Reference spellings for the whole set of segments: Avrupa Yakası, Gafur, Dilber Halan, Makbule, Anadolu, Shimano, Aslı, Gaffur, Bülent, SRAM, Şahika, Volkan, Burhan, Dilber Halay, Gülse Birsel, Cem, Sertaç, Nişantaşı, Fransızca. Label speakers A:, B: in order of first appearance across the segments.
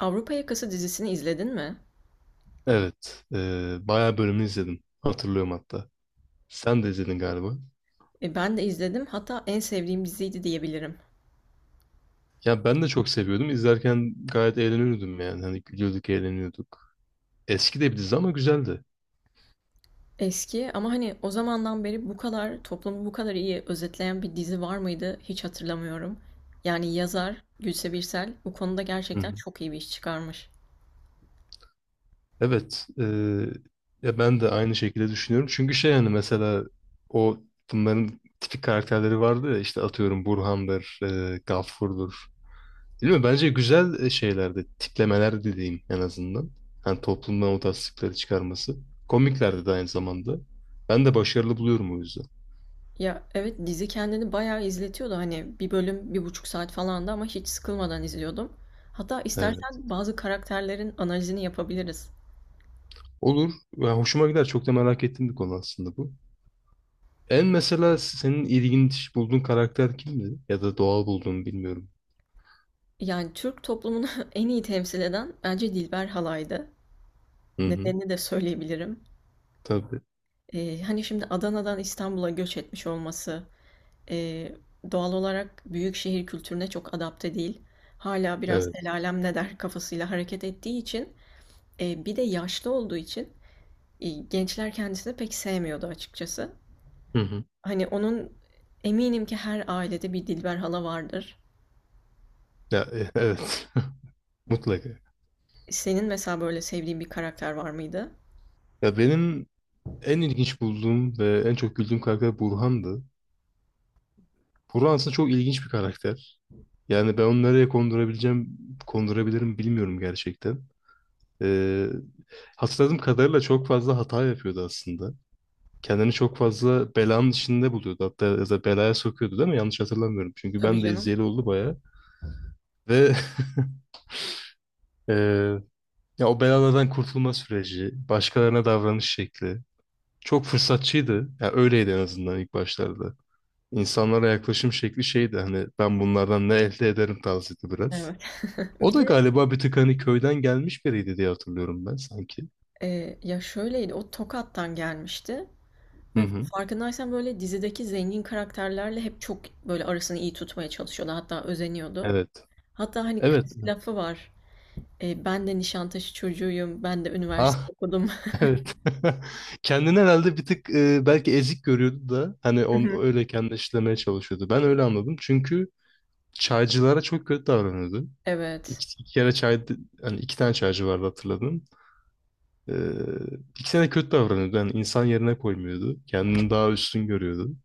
A: Avrupa Yakası dizisini izledin mi?
B: Evet. Bayağı bölümünü izledim. Hatırlıyorum hatta. Sen de izledin galiba.
A: Ben de izledim. Hatta en sevdiğim diziydi diyebilirim.
B: Ya ben de çok seviyordum. İzlerken gayet eğleniyordum yani. Hani gülüyorduk, eğleniyorduk. Eski de bir dizi ama güzeldi.
A: Eski ama hani o zamandan beri bu kadar toplumu bu kadar iyi özetleyen bir dizi var mıydı hiç hatırlamıyorum. Yani yazar Gülse Birsel bu konuda
B: Hı
A: gerçekten
B: hı.
A: çok iyi bir iş çıkarmış.
B: Evet. Ya ben de aynı şekilde düşünüyorum. Çünkü şey hani mesela o bunların tipik karakterleri vardı ya işte atıyorum Burhan'dır, Gafur'dur. Değil mi? Bence güzel şeylerde, tiplemeler dediğim en azından. Hani toplumdan o tasdikleri çıkarması. Komiklerdi de aynı zamanda. Ben de başarılı buluyorum o yüzden.
A: Ya evet, dizi kendini bayağı izletiyordu, hani bir bölüm bir buçuk saat falandı ama hiç sıkılmadan izliyordum. Hatta
B: Evet.
A: istersen bazı karakterlerin analizini yapabiliriz.
B: Olur. Ya hoşuma gider. Çok da merak ettiğim bir konu aslında bu. En mesela senin ilginç bulduğun karakter kimdi? Ya da doğal bulduğun bilmiyorum.
A: Yani Türk toplumunu en iyi temsil eden bence Dilber Halay'dı.
B: Hı hı.
A: Nedenini de söyleyebilirim.
B: Tabii.
A: Hani şimdi Adana'dan İstanbul'a göç etmiş olması eee, doğal olarak büyük şehir kültürüne çok adapte değil. Hala biraz el
B: Evet.
A: alem ne der kafasıyla hareket ettiği için bir de yaşlı olduğu için gençler kendisini pek sevmiyordu açıkçası.
B: Hı hı.
A: Hani onun, eminim ki her ailede bir Dilber hala vardır.
B: Ya, evet. Mutlaka.
A: Senin mesela böyle sevdiğin bir karakter var mıydı?
B: Ya benim en ilginç bulduğum ve en çok güldüğüm karakter Burhan'dı. Burhan aslında çok ilginç bir karakter. Yani ben onu nereye kondurabileceğim, kondurabilirim bilmiyorum gerçekten. Ee, Hatırladığım kadarıyla çok fazla hata yapıyordu aslında. Kendini çok fazla belanın içinde buluyordu. Hatta ya da belaya sokuyordu değil mi? Yanlış hatırlamıyorum. Çünkü
A: Tabii
B: ben de
A: canım.
B: izleyeli oldu bayağı. Ve e, ya o belalardan kurtulma süreci, başkalarına davranış şekli çok fırsatçıydı. Ya öyleydi en azından ilk başlarda. İnsanlara yaklaşım şekli şeydi hani ben bunlardan ne elde ederim tarzıydı biraz.
A: Evet.
B: O
A: Bir
B: da
A: de
B: galiba bir tık hani köyden gelmiş biriydi diye hatırlıyorum ben sanki.
A: ya şöyleydi, o Tokat'tan gelmişti.
B: Hı
A: Ve
B: hı.
A: farkındaysan böyle dizideki zengin karakterlerle hep çok böyle arasını iyi tutmaya çalışıyordu. Hatta özeniyordu.
B: Evet.
A: Hatta hani
B: Evet.
A: klasik lafı var. E, ben de Nişantaşı çocuğuyum. Ben de üniversite
B: Ah
A: okudum.
B: evet. Kendini herhalde bir tık belki ezik görüyordu da hani onu öyle kendine işlemeye çalışıyordu. Ben öyle anladım. Çünkü çaycılara çok kötü davranıyordu.
A: Evet.
B: İki kere çay hani iki tane çaycı vardı hatırladım. Ee, ikisine de kötü davranıyordu. Yani insan yerine koymuyordu. Kendini daha üstün görüyordu.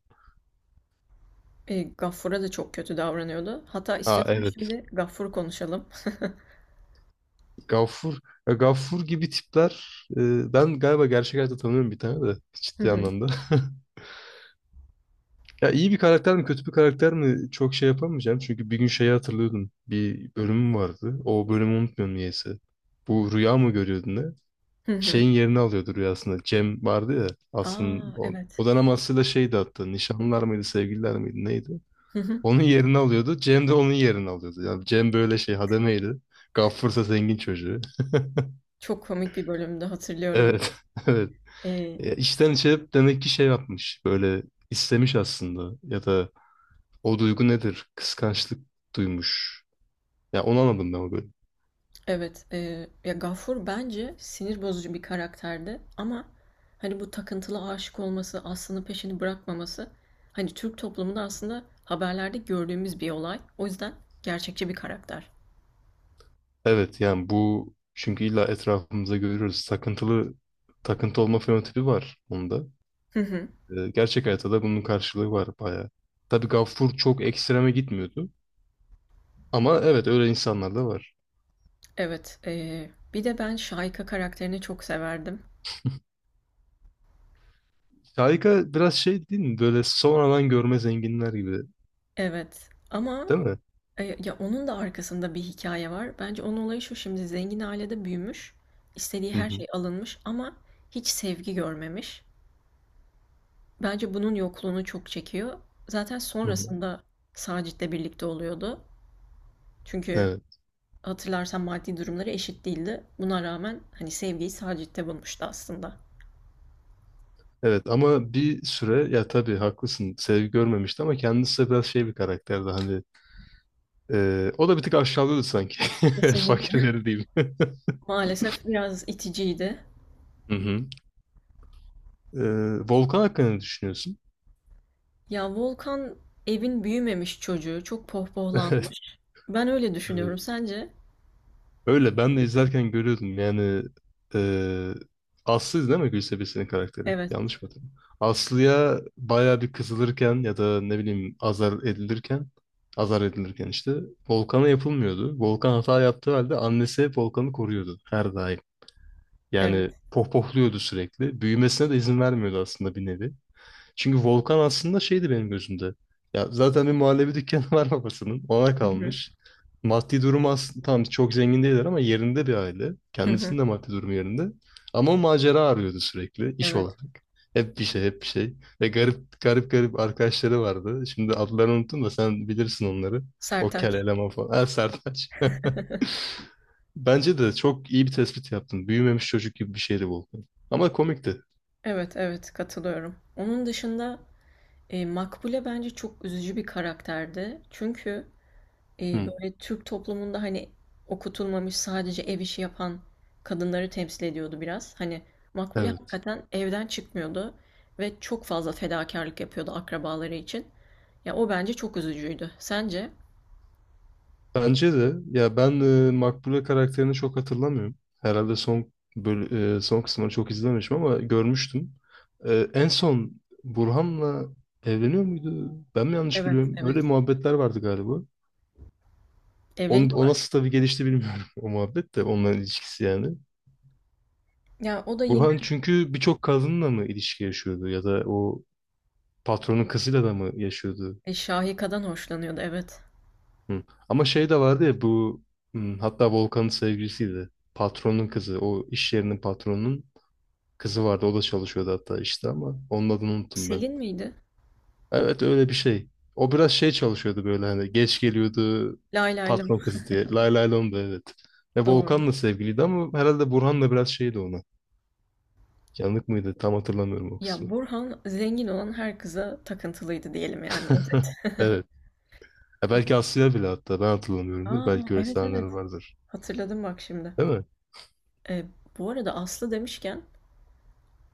A: E, Gaffur'a da çok kötü davranıyordu. Hatta
B: Ha
A: istiyorsan
B: evet.
A: şimdi Gaffur konuşalım.
B: Gaffur, ya Gaffur gibi tipler ben galiba gerçek hayatta tanıyorum bir tane de
A: Hı
B: ciddi
A: hı.
B: anlamda. Ya iyi bir karakter mi kötü bir karakter mi çok şey yapamayacağım. Çünkü bir gün şeyi hatırlıyordum. Bir bölümüm vardı. O bölümü unutmuyorum niyeyse. Bu rüya mı görüyordun ne?
A: Hı hı.
B: Şeyin yerini alıyordu rüyasında. Cem vardı ya
A: Aa
B: aslında
A: evet.
B: o dönem aslında şeydi hatta nişanlılar mıydı sevgililer miydi neydi?
A: Hı hı.
B: Onun yerini alıyordu. Cem de onun yerini alıyordu. Yani Cem böyle şey hademeydi. Gaffur ise zengin çocuğu.
A: Çok komik bir bölümde hatırlıyorum ben.
B: Evet. Evet.
A: E,
B: Ya içten içe hep demek ki şey yapmış. Böyle istemiş aslında. Ya da o duygu nedir? Kıskançlık duymuş. Ya onu anladım ben o bölüm.
A: Evet, ya Gafur bence sinir bozucu bir karakterdi ama hani bu takıntılı aşık olması, aslında peşini bırakmaması, hani Türk toplumunda aslında haberlerde gördüğümüz bir olay. O yüzden gerçekçi bir karakter.
B: Evet yani bu çünkü illa etrafımızda görüyoruz. Takıntılı takıntı olma fenotipi var onda.
A: Hı hı.
B: Gerçek hayatta da bunun karşılığı var bayağı. Tabii Gaffur çok ekstreme gitmiyordu. Ama evet öyle insanlar da var.
A: Evet, bir de ben Şahika karakterini çok severdim.
B: Şahika biraz şey değil mi? Böyle sonradan görme zenginler gibi.
A: Evet ama
B: Değil mi?
A: ya onun da arkasında bir hikaye var. Bence onun olayı şu: şimdi zengin ailede büyümüş, istediği
B: Hı
A: her
B: hı.
A: şey alınmış ama hiç sevgi görmemiş. Bence bunun yokluğunu çok çekiyor. Zaten
B: Hı hı.
A: sonrasında Sacit'le birlikte oluyordu. Çünkü
B: Evet.
A: hatırlarsan maddi durumları eşit değildi. Buna rağmen hani sevgiyi Sacit'te bulmuştu aslında.
B: Evet ama bir süre ya tabii haklısın sevgi görmemişti ama kendisi de biraz şey bir karakterdi hani o da bir tık aşağılıyordu sanki
A: Kesinlikle.
B: fakirleri diyeyim.
A: Maalesef biraz iticiydi.
B: Hı hı. E, Volkan hakkında ne düşünüyorsun?
A: Ya Volkan, evin büyümemiş çocuğu, çok
B: Evet,
A: pohpohlanmış. Ben öyle
B: evet.
A: düşünüyorum. Sence?
B: Öyle ben de izlerken görüyordum yani e, Aslı değil mi Gülse Birsel'in karakteri?
A: Evet,
B: Yanlış mı hatırlıyorum? Aslı'ya bayağı bir kızılırken ya da ne bileyim azar edilirken azar edilirken işte Volkan'a yapılmıyordu. Volkan hata yaptığı halde annesi hep Volkan'ı koruyordu her daim.
A: evet.
B: Yani pohpohluyordu sürekli. Büyümesine de izin vermiyordu aslında bir nevi. Çünkü Volkan aslında şeydi benim gözümde. Ya zaten bir muhallebi dükkanı var babasının. Ona
A: Hı hı,
B: kalmış. Maddi durumu aslında tam çok zengin değiller ama yerinde bir aile.
A: hı hı,
B: Kendisinin de maddi durumu yerinde. Ama o macera arıyordu sürekli iş
A: evet.
B: olarak. Hep bir şey, hep bir şey. Ve garip garip garip arkadaşları vardı. Şimdi adlarını unuttum da sen bilirsin onları. O kel
A: Sertaç.
B: eleman falan. Ha, Sertaç. Bence de çok iyi bir tespit yaptın. Büyümemiş çocuk gibi bir şeydi Volkan. Ama komikti.
A: Evet, evet, katılıyorum. Onun dışında, Makbule bence çok üzücü bir karakterdi. Çünkü
B: Hı.
A: böyle Türk toplumunda hani okutulmamış, sadece ev işi yapan kadınları temsil ediyordu biraz. Hani Makbule
B: Evet.
A: hakikaten evden çıkmıyordu ve çok fazla fedakarlık yapıyordu akrabaları için. Ya o bence çok üzücüydü. Sence?
B: Bence de ya ben Makbule karakterini çok hatırlamıyorum. Herhalde son kısmını çok izlememişim ama görmüştüm. En son Burhan'la evleniyor muydu? Ben mi yanlış
A: Evet,
B: biliyorum? Öyle
A: evet.
B: muhabbetler vardı galiba. O
A: Evleniyorlar.
B: nasıl tabii gelişti bilmiyorum o muhabbet de onların ilişkisi yani.
A: Ya o da yine
B: Burhan çünkü birçok kadınla mı ilişki yaşıyordu ya da o patronun kızıyla da mı yaşıyordu?
A: Şahika'dan hoşlanıyordu, evet.
B: Hı. Ama şey de vardı ya bu hatta Volkan'ın sevgilisiydi. Patronun kızı. O iş yerinin patronunun kızı vardı. O da çalışıyordu hatta işte ama onun adını unuttum ben.
A: Selin miydi?
B: Evet öyle bir şey. O biraz şey çalışıyordu böyle hani geç geliyordu
A: Lay lay lom.
B: patron kızı diye. Lay lay lon da evet. Ve
A: Doğru.
B: Volkan'la sevgiliydi ama herhalde Burhan'la biraz şeydi ona. Yanık mıydı? Tam hatırlamıyorum o
A: Ya
B: kısmı.
A: Burhan zengin olan her kıza takıntılıydı diyelim yani. Evet.
B: Evet. Ya belki Aslı'ya bile hatta ben hatırlamıyorumdur.
A: Aa
B: Belki öyle
A: evet,
B: sahneler
A: evet.
B: vardır.
A: Hatırladım bak şimdi.
B: Değil mi?
A: E, Bu arada Aslı demişken,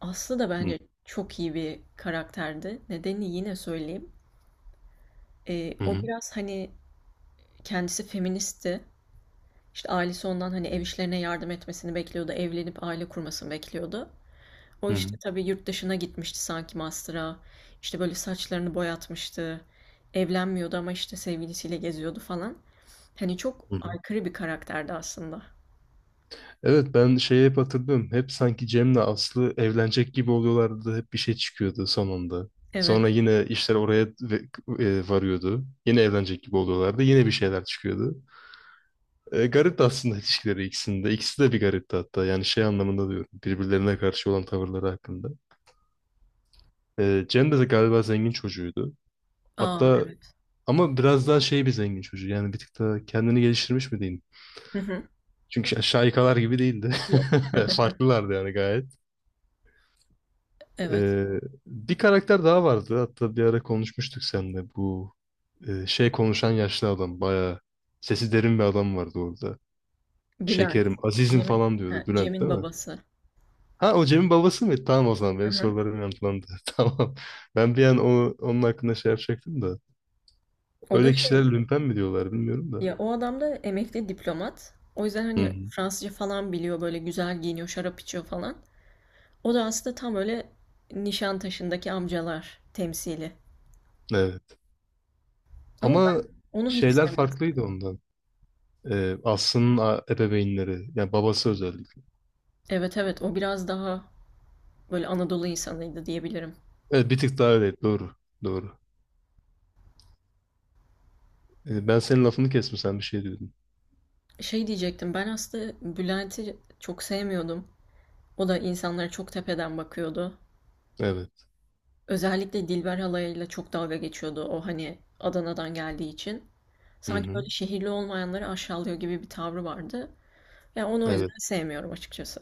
A: Aslı da
B: Hı.
A: bence çok iyi bir karakterdi. Nedenini yine söyleyeyim.
B: Hı
A: O
B: hı.
A: biraz hani kendisi feministti. İşte ailesi ondan hani ev işlerine yardım etmesini bekliyordu. Evlenip aile kurmasını bekliyordu. O
B: Hı hı.
A: işte tabii yurt dışına gitmişti sanki master'a. İşte böyle saçlarını boyatmıştı. Evlenmiyordu ama işte sevgilisiyle geziyordu falan. Hani çok
B: Hı.
A: aykırı bir karakterdi aslında.
B: Evet ben şeyi hep hatırlıyorum. Hep sanki Cem'le Aslı evlenecek gibi oluyorlardı. Hep bir şey çıkıyordu sonunda.
A: Evet.
B: Sonra yine işler oraya varıyordu. Yine evlenecek gibi oluyorlardı. Yine bir şeyler çıkıyordu. Garipti aslında ilişkileri ikisinde. İkisi de bir garipti hatta. Yani şey anlamında diyorum. Birbirlerine karşı olan tavırları hakkında. Cem de galiba zengin çocuğuydu.
A: Aa
B: Hatta
A: evet.
B: ama biraz daha şey bir zengin çocuğu. Yani bir tık daha kendini geliştirmiş mi diyeyim.
A: Hı hı.
B: Çünkü şaikalar gibi değildi.
A: Yok.
B: Farklılardı yani gayet.
A: Evet.
B: Ee, Bir karakter daha vardı. Hatta bir ara konuşmuştuk seninle. Bu şey konuşan yaşlı adam. Bayağı sesi derin bir adam vardı orada.
A: Bülent.
B: Şekerim, azizim
A: Cem'in
B: falan
A: ha,
B: diyordu Bülent
A: Cem'in
B: değil mi?
A: babası.
B: Ha o Cem'in babası mı? Tamam o zaman
A: Hı
B: benim
A: hı.
B: sorularım yanıtlandı. Tamam. Ben bir an onun hakkında şey yapacaktım da.
A: O da
B: Öyle
A: şey,
B: kişiler lümpen mi diyorlar bilmiyorum da.
A: ya o adam da emekli diplomat. O yüzden
B: Hı
A: hani
B: hı.
A: Fransızca falan biliyor, böyle güzel giyiniyor, şarap içiyor falan. O da aslında tam öyle Nişantaşı'ndaki amcalar temsili.
B: Evet.
A: Ama
B: Ama
A: ben onu hiç
B: şeyler
A: sevmezdim.
B: farklıydı ondan. Aslı'nın ebeveynleri. Yani babası özellikle.
A: Evet, evet, o biraz daha böyle Anadolu insanıydı diyebilirim.
B: Evet bir tık daha öyle. Doğru. Doğru. Ben senin lafını kestim sen bir şey diyordun.
A: Şey diyecektim, ben aslında Bülent'i çok sevmiyordum. O da insanlara çok tepeden bakıyordu.
B: Evet.
A: Özellikle Dilber halayıyla çok dalga geçiyordu, o hani Adana'dan geldiği için.
B: Hı
A: Sanki
B: hı.
A: böyle şehirli olmayanları aşağılıyor gibi bir tavrı vardı. Ya onu o yüzden
B: Evet.
A: sevmiyorum açıkçası.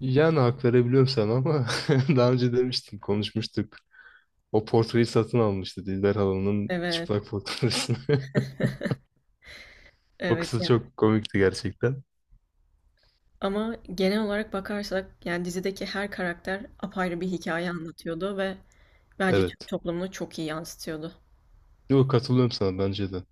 B: Yani hak verebiliyorum sana ama daha önce demiştim konuşmuştuk. O portreyi satın almıştı Dilber Halan'ın
A: Evet,
B: çıplak portresini. O
A: evet
B: kısım
A: yani.
B: çok komikti gerçekten.
A: Ama genel olarak bakarsak yani dizideki her karakter apayrı bir hikaye anlatıyordu ve bence Türk
B: Evet.
A: toplumunu çok iyi yansıtıyordu.
B: Yok katılıyorum sana bence de.